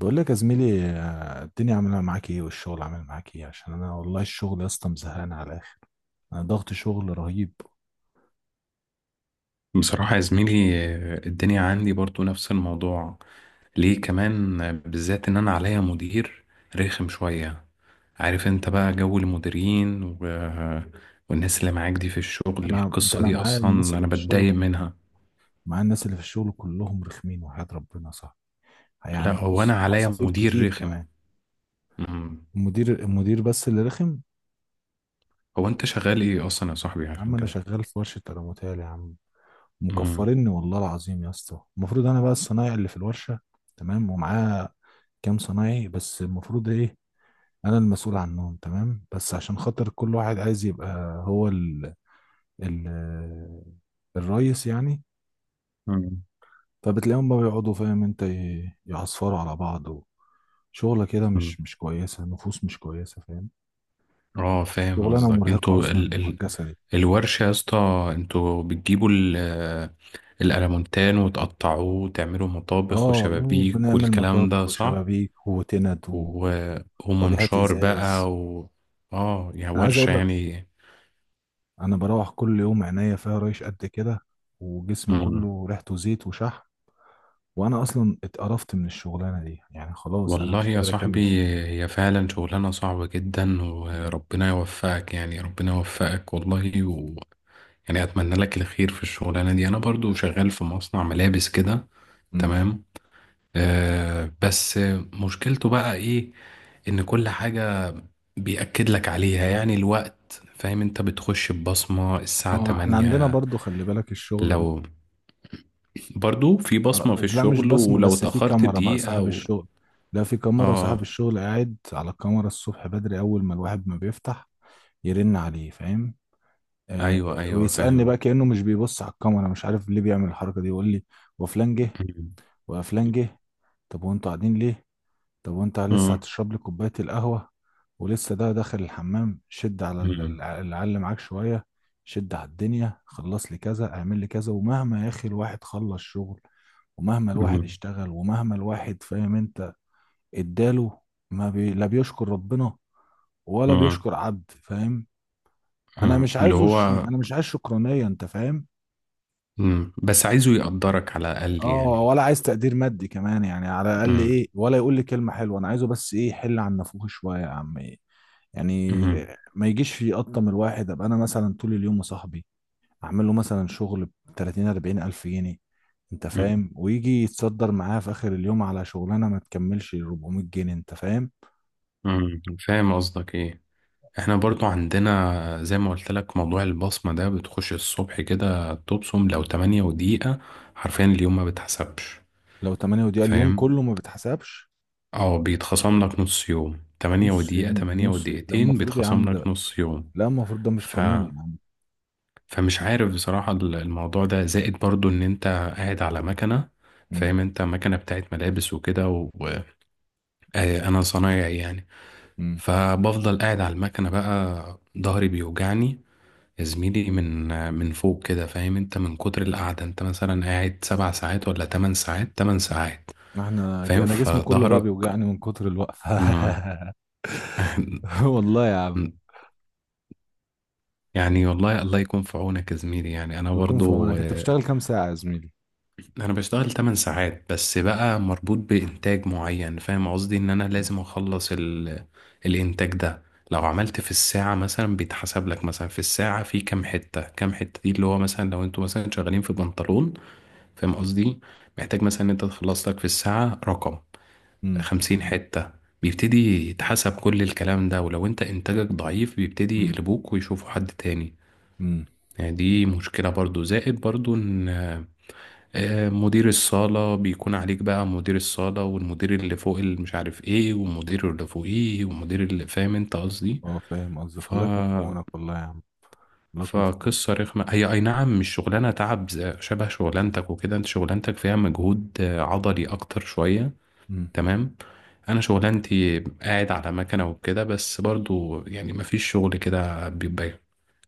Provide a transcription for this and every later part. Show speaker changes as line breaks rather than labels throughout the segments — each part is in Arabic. بقول لك يا زميلي، الدنيا عامله معاك ايه والشغل عامل معاك ايه، عشان انا والله الشغل يا اسطى مزهقان على الاخر. انا ضغط شغل رهيب.
بصراحة يا زميلي، الدنيا عندي برضو نفس الموضوع. ليه كمان بالذات ان انا عليا مدير رخم شوية. عارف انت بقى جو المديرين والناس اللي معاك دي في الشغل.
انا ده
القصة
انا
دي اصلا انا بتضايق منها.
معايا الناس اللي في الشغل كلهم رخمين وحياة ربنا صح.
لا،
يعني
هو انا
بص
عليا
عصافير
مدير
كتير
رخم.
كمان.
مم.
المدير بس اللي رخم.
هو انت شغال ايه اصلا يا صاحبي
يا عم
عشان
انا
كده؟
شغال في ورشه تلاموتال يا عم.
مم.
مكفرني والله العظيم يا اسطى. المفروض انا بقى الصنايعي اللي في الورشه، تمام، ومعاه كام صنايعي، بس المفروض ايه؟ انا المسؤول عنهم، تمام، بس عشان خاطر كل واحد عايز يبقى هو ال ال الرئيس يعني.
مم.
فبتلاقيهم بقى بيقعدوا، فاهم انت، يعصفروا على بعض. وشغلة كده
مم.
مش كويسة، نفوس مش كويسة، فاهم.
اه، فاهم
شغلانة
قصدك.
مرهقة
انتوا
أصلا، مرهق جسدي.
الورشة يا اسطى، انتوا بتجيبوا الألمونتان وتقطعوه وتعملوا
اه،
مطابخ وشبابيك
بنعمل
والكلام ده
مطابخ
صح؟
وشبابيك، وتند، و-
و...
وواجهات
ومنشار
إزاز.
بقى اه، يا
أنا عايز
ورشة
أقول لك،
يعني.
أنا بروح كل يوم عينيا فيها ريش قد كده، وجسمي
مم.
كله ريحته زيت وشحم. وانا اصلا اتقرفت من الشغلانه دي يعني، خلاص انا
والله
مش
يا
قادر
صاحبي،
اكمل فيها.
هي فعلا شغلانة صعبة جدا
مم.
وربنا يوفقك، يعني ربنا يوفقك والله يعني أتمنى لك الخير في الشغلانة دي. أنا برضو شغال في مصنع ملابس كده.
مم.
تمام. بس مشكلته بقى إيه؟ ان كل حاجة بيأكد لك عليها، يعني الوقت، فاهم انت، بتخش ببصمة الساعة
اه، احنا عندنا
8.
برضو خلي بالك الشغله دي.
لو برضو في
آه،
بصمة في
بس لا، مش
الشغل
بصمه
ولو
بس، في
اتأخرت
كاميرا بقى
دقيقة
صاحب الشغل. لا، في كاميرا، صاحب
اه،
الشغل قاعد على الكاميرا الصبح بدري، اول ما الواحد ما بيفتح يرن عليه، فاهم. آه.
ايوه ايوه
ويسالني
فاهم.
بقى كانه مش بيبص على الكاميرا، مش عارف ليه بيعمل الحركه دي، يقول لي وفلان جه وفلان جه. طب وانتوا قاعدين ليه؟ طب وانت لسه
مم.
هتشرب لي كوباية القهوة، ولسه ده داخل الحمام، شد على
مم.
العل معاك شوية، شد على الدنيا، خلص لي كذا، اعمل لي كذا. ومهما يا اخي الواحد خلص شغل، ومهما الواحد
مم.
اشتغل، ومهما الواحد، فاهم انت، اداله، ما بي... لا بيشكر ربنا ولا
مم.
بيشكر عبد، فاهم.
مم. اللي هو
انا مش عايز شكرانية، انت فاهم.
مم. بس عايزه يقدرك على الأقل
اه،
يعني.
ولا عايز تقدير مادي كمان يعني، على الاقل
مم.
ايه، ولا يقول لي كلمة حلوة. انا عايزه بس ايه، حل عن نافوخي شوية يا عم، إيه. يعني
مم.
ما يجيش في قطة من الواحد. ابقى انا مثلا طول اليوم مصاحبي، اعمل له مثلا شغل ب 30 40 الف جنيه، انت
مم.
فاهم، ويجي يتصدر معاه في اخر اليوم على شغلانة ما تكملش 400 جنيه، انت فاهم.
مم. فاهم قصدك ايه. احنا برضو عندنا زي ما قلت لك موضوع البصمة ده، بتخش الصبح كده تبصم لو تمانية ودقيقة حرفيا اليوم ما بتحسبش.
لو 8 دقيقة، اليوم
فاهم؟
كله ما بيتحسبش.
اه، بيتخصم لك نص يوم. تمانية
نص
ودقيقة،
يوم،
تمانية
لا
ودقيقتين
المفروض يا عم
بيتخصم
ده،
لك نص يوم.
لا المفروض ده مش
ف...
قانوني يا عم.
فمش عارف بصراحة، الموضوع ده زائد برضو ان انت قاعد على مكنة.
امم.
فاهم انت؟ مكنة بتاعت ملابس وكده، وانا صنايعي يعني.
امم.
فبفضل قاعد على المكنة، بقى ظهري بيوجعني يا زميلي، من فوق كده. فاهم انت؟ من كتر القعدة. انت مثلا قاعد 7 ساعات ولا 8 ساعات، 8 ساعات.
احنا
فاهم؟
انا جسمي كله بقى
فظهرك.
بيوجعني من كتر الوقفة.
مم.
والله يا عم.
يعني والله الله يكون في عونك يا زميلي. يعني انا
بيكون في
برضو
عونك. انت بتشتغل كام ساعة يا زميلي؟
انا بشتغل 8 ساعات، بس بقى مربوط بانتاج معين. فاهم قصدي؟ ان انا لازم اخلص الانتاج ده. لو عملت في الساعة مثلا بيتحسب لك، مثلا في الساعة في كام حتة، كام حتة دي اللي هو مثلا لو انتوا مثلا شغالين في بنطلون، فاهم قصدي؟ محتاج مثلا ان انت تخلص لك في الساعة رقم 50 حتة. بيبتدي يتحسب كل الكلام ده، ولو انت انتاجك ضعيف بيبتدي
امم.
يقلبوك ويشوفوا حد تاني.
امم.
يعني دي مشكلة برضو. زائد برضو ان مدير الصالة بيكون عليك، بقى مدير الصالة والمدير اللي فوق اللي مش عارف ايه ومدير اللي فوقيه ومدير اللي، فاهم انت قصدي.
اه فاهم قصدك،
ف
الله يكون في عونك، والله يا عم، الله يكون في
فقصة
عونك.
رخمة هي، أي نعم مش شغلانة تعب شبه شغلانتك وكده. أنت شغلانتك فيها مجهود عضلي أكتر شوية.
امم.
تمام. انا شغلانتي قاعد على مكنه وكده، بس برضو يعني مفيش شغل كده بيبقى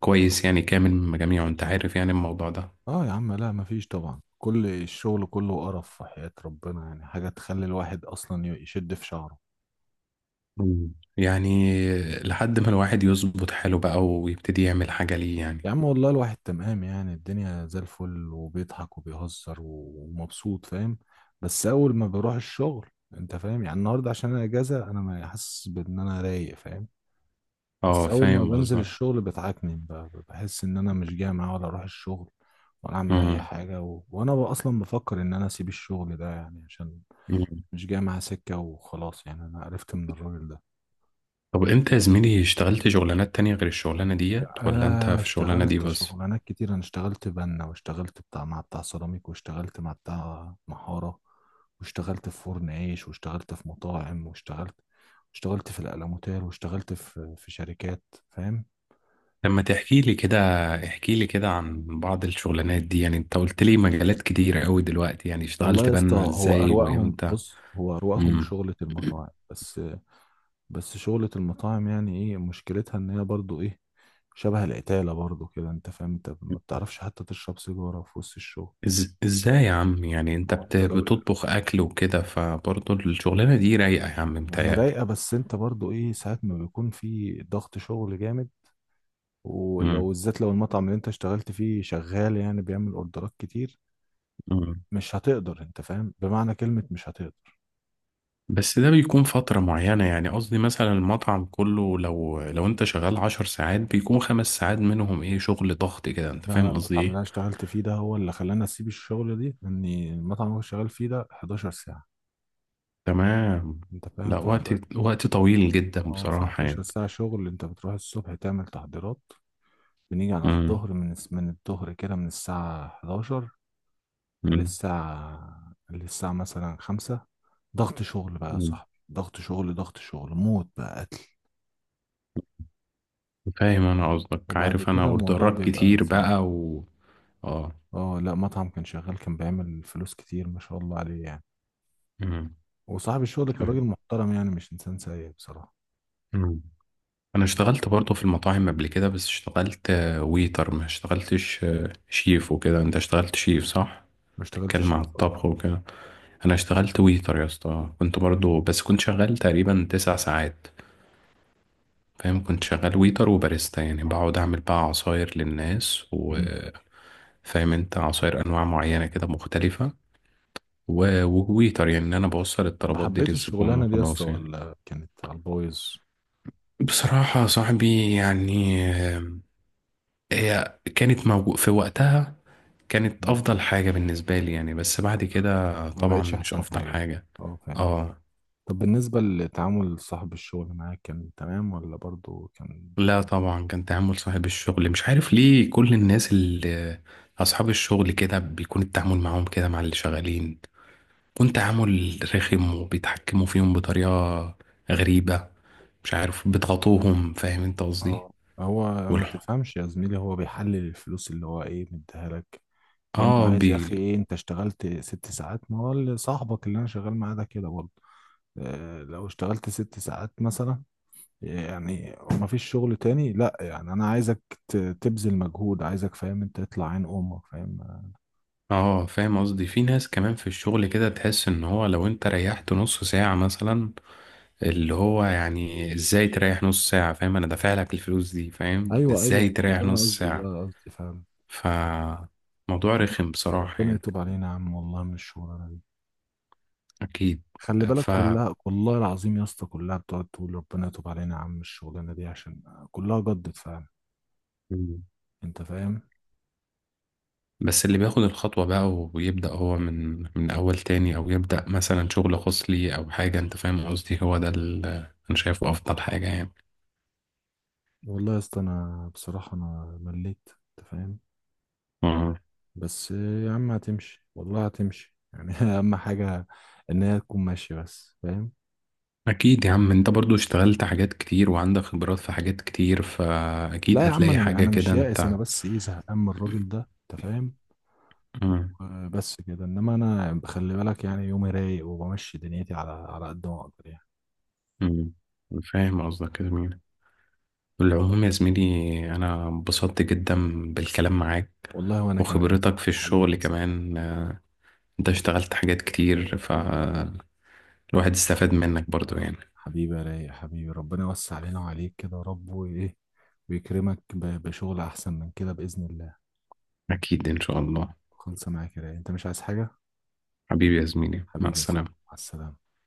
كويس يعني، كامل من جميعه. انت عارف يعني الموضوع ده.
اه يا عم، لا مفيش طبعا، كل الشغل كله قرف في حياة ربنا يعني، حاجة تخلي الواحد اصلا يشد في شعره.
مم. يعني لحد ما الواحد يظبط حاله بقى ويبتدي يعمل حاجه ليه يعني.
يا عم والله الواحد تمام يعني، الدنيا زي الفل وبيضحك وبيهزر ومبسوط، فاهم، بس اول ما بروح الشغل، انت فاهم يعني، النهارده عشان انا اجازة انا ما حاسس بان انا رايق، فاهم. بس
اه
اول ما
فاهم
بنزل
قصدك.
الشغل بتعكنن، بحس ان انا مش جامع ولا اروح الشغل ولا اعمل اي
مم.
حاجه، وانا اصلا بفكر ان انا اسيب الشغل ده، يعني عشان
مم.
مش جامع سكه وخلاص يعني. انا عرفت من الراجل ده.
طب انت يا زميلي اشتغلت شغلانات تانية غير الشغلانه ديت ولا انت
آه،
في الشغلانه دي
اشتغلت
بس؟
شغلانات كتير. انا اشتغلت بنا، واشتغلت بتاع، مع بتاع سيراميك، واشتغلت مع بتاع محاره، واشتغلت في فرن عيش، واشتغلت في مطاعم، واشتغلت في الألموتال، واشتغلت في شركات، فاهم.
لما تحكي لي كده، احكي لي كده عن بعض الشغلانات دي. يعني انت قلت لي مجالات كتيرة قوي دلوقتي، يعني
والله
اشتغلت
يا اسطى
بنا
هو
ازاي
اروقهم،
وامتى؟
بص، هو اروقهم
امم
شغلة المطاعم بس. بس شغلة المطاعم يعني ايه مشكلتها؟ ان هي برضو ايه، شبه القتالة برضو كده، انت فاهم، انت ما بتعرفش حتى تشرب سيجارة في وسط الشغل.
ازاي يا عم يعني؟
يعني ما
انت
هو انت لو،
بتطبخ اكل وكده، فبرضه الشغلانة دي رايقة يا عم
ما هي
متهيألي.
رايقة بس انت برضو ايه، ساعات ما بيكون في ضغط شغل جامد، ولو
امم
بالذات لو المطعم اللي انت اشتغلت فيه شغال يعني بيعمل اوردرات كتير،
امم
مش هتقدر، انت فاهم، بمعنى كلمة مش هتقدر.
بس ده بيكون فترة معينة يعني. قصدي مثلا المطعم كله، لو انت شغال 10 ساعات بيكون 5 ساعات منهم ايه، شغل ضغط كده. انت
لا، انا
فاهم قصدي
المطعم اللي انا
ايه؟
اشتغلت فيه ده هو اللي خلاني اسيب الشغل دي. اني المطعم اللي أنا شغال فيه ده 11 ساعه،
تمام.
انت فاهم،
لا،
في
وقت
11.
وقت طويل جدا
اه، في
بصراحة
11
يعني.
ساعه شغل. انت بتروح الصبح تعمل تحضيرات، بنيجي على
مم.
الظهر، من الظهر كده، من الساعه 11
مم.
للساعه مثلا 5. ضغط شغل بقى يا
مم.
صاحبي، ضغط شغل، ضغط شغل موت بقى، قتل.
فاهم انا قصدك.
وبعد
عارف، انا
كده الموضوع
اوردرات
بيبقى
كتير
صعب.
بقى و اه
اه، لا مطعم كان شغال، كان بيعمل فلوس كتير ما شاء الله عليه يعني.
مم.
وصاحب الشغل كان
فاهم.
راجل محترم يعني، مش انسان سيء بصراحه.
مم. انا اشتغلت برضه في المطاعم قبل كده، بس اشتغلت ويتر، ما اشتغلتش شيف وكده. انت اشتغلت شيف صح؟
ما اشتغلتش
بتتكلم على
ايه بصراحة.
الطبخ وكده. انا اشتغلت ويتر يا اسطى، كنت برضه بس كنت شغال تقريبا 9 ساعات. فاهم؟ كنت شغال ويتر وباريستا، يعني بقعد اعمل بقى عصاير للناس
مم.
فاهم انت؟ عصاير انواع معينة كده مختلفة، وويتر يعني، إن أنا بوصل
طب
الطلبات دي
حبيت
للزبون
الشغلانة دي يا اسطى،
وخلاص يعني.
ولا كانت على البايظ؟
بصراحة يا صاحبي يعني هي كانت موجود في وقتها، كانت
مم.
أفضل حاجة بالنسبة لي يعني. بس بعد كده
ما
طبعا
بقتش
مش
احسن
أفضل
حاجة.
حاجة.
اه فاهم.
اه.
طب بالنسبة لتعامل صاحب الشغل معاك، كان تمام ولا برضو كان؟
لا طبعا، كان تعامل صاحب الشغل، مش عارف ليه كل الناس اللي أصحاب الشغل كده بيكون التعامل معاهم كده مع اللي شغالين، يكون تعامل رخم وبيتحكموا فيهم بطريقة غريبة. مش عارف، بيضغطوهم. فاهم انت قصدي؟
اه، هو ما
والح-
تفهمش يا زميلي، هو بيحلل الفلوس اللي هو ايه، مديها لك، كأنه
اه
عايز يا
بي
اخي ايه. انت اشتغلت ست ساعات، ما هو، اللي صاحبك اللي انا شغال معاه ده كده برضه. اه، لو اشتغلت ست ساعات مثلا يعني، ما فيش شغل تاني، لا يعني انا عايزك تبذل مجهود، عايزك، فاهم انت، تطلع عين امك، فاهم.
اه فاهم قصدي؟ في ناس كمان في الشغل كده تحس ان هو لو انت ريحت نص ساعة مثلا، اللي هو يعني ازاي تريح نص ساعة؟ فاهم؟ انا دافع لك الفلوس دي، فاهم
ايوه، ايوه،
ازاي
ما هو
تريح نص
ده
ساعة؟
أنا قصدي، فاهم.
ف موضوع
يا عم
رخم بصراحة
ربنا
يعني.
يتوب علينا يا عم، والله من الشغلانه دي.
اكيد.
خلي بالك
ف
كلها، والله العظيم يا اسطى، كلها بتقعد تقول ربنا يتوب علينا يا عم، الشغلانه دي، عشان كلها جدت فعلا،
مم.
انت فاهم.
بس اللي بياخد الخطوة بقى ويبدأ هو من أول تاني، أو يبدأ مثلا شغل خاص ليه أو حاجة، أنت فاهم قصدي؟ هو ده اللي أنا شايفه أفضل حاجة
والله يا اسطى انا بصراحه انا مليت، انت فاهم.
يعني.
بس يا عم هتمشي، والله هتمشي يعني، اهم حاجه ان هي تكون ماشيه بس، فاهم.
أكيد يا عم. أنت برضو اشتغلت حاجات كتير وعندك خبرات في حاجات كتير، فأكيد
لا يا عم،
هتلاقي
انا
حاجة
انا مش
كده
يائس، انا
أنت.
بس ايه، زهقان من الراجل ده، انت فاهم.
مم.
بس كده، انما انا خلي بالك يعني يومي رايق، وبمشي دنيتي على قد ما اقدر يعني.
مم. فاهم قصدك يا زميلي. بالعموم يا زميلي، أنا انبسطت جدا بالكلام معاك،
والله وانا كمان يا
وخبرتك
صاحبي،
في
حبيبي
الشغل
يا صاحبي.
كمان. أنت اشتغلت حاجات كتير فالواحد استفاد منك برضو يعني.
حبيبي يا رايق، حبيبي ربنا يوسع علينا وعليك كده يا رب، وايه، ويكرمك بشغل احسن من كده باذن الله.
أكيد إن شاء الله.
خلص معاك يا رايق، انت مش عايز حاجه؟
حبيبي يا زميلي، مع
حبيبي يا صاحبي،
السلامة.
مع السلامه.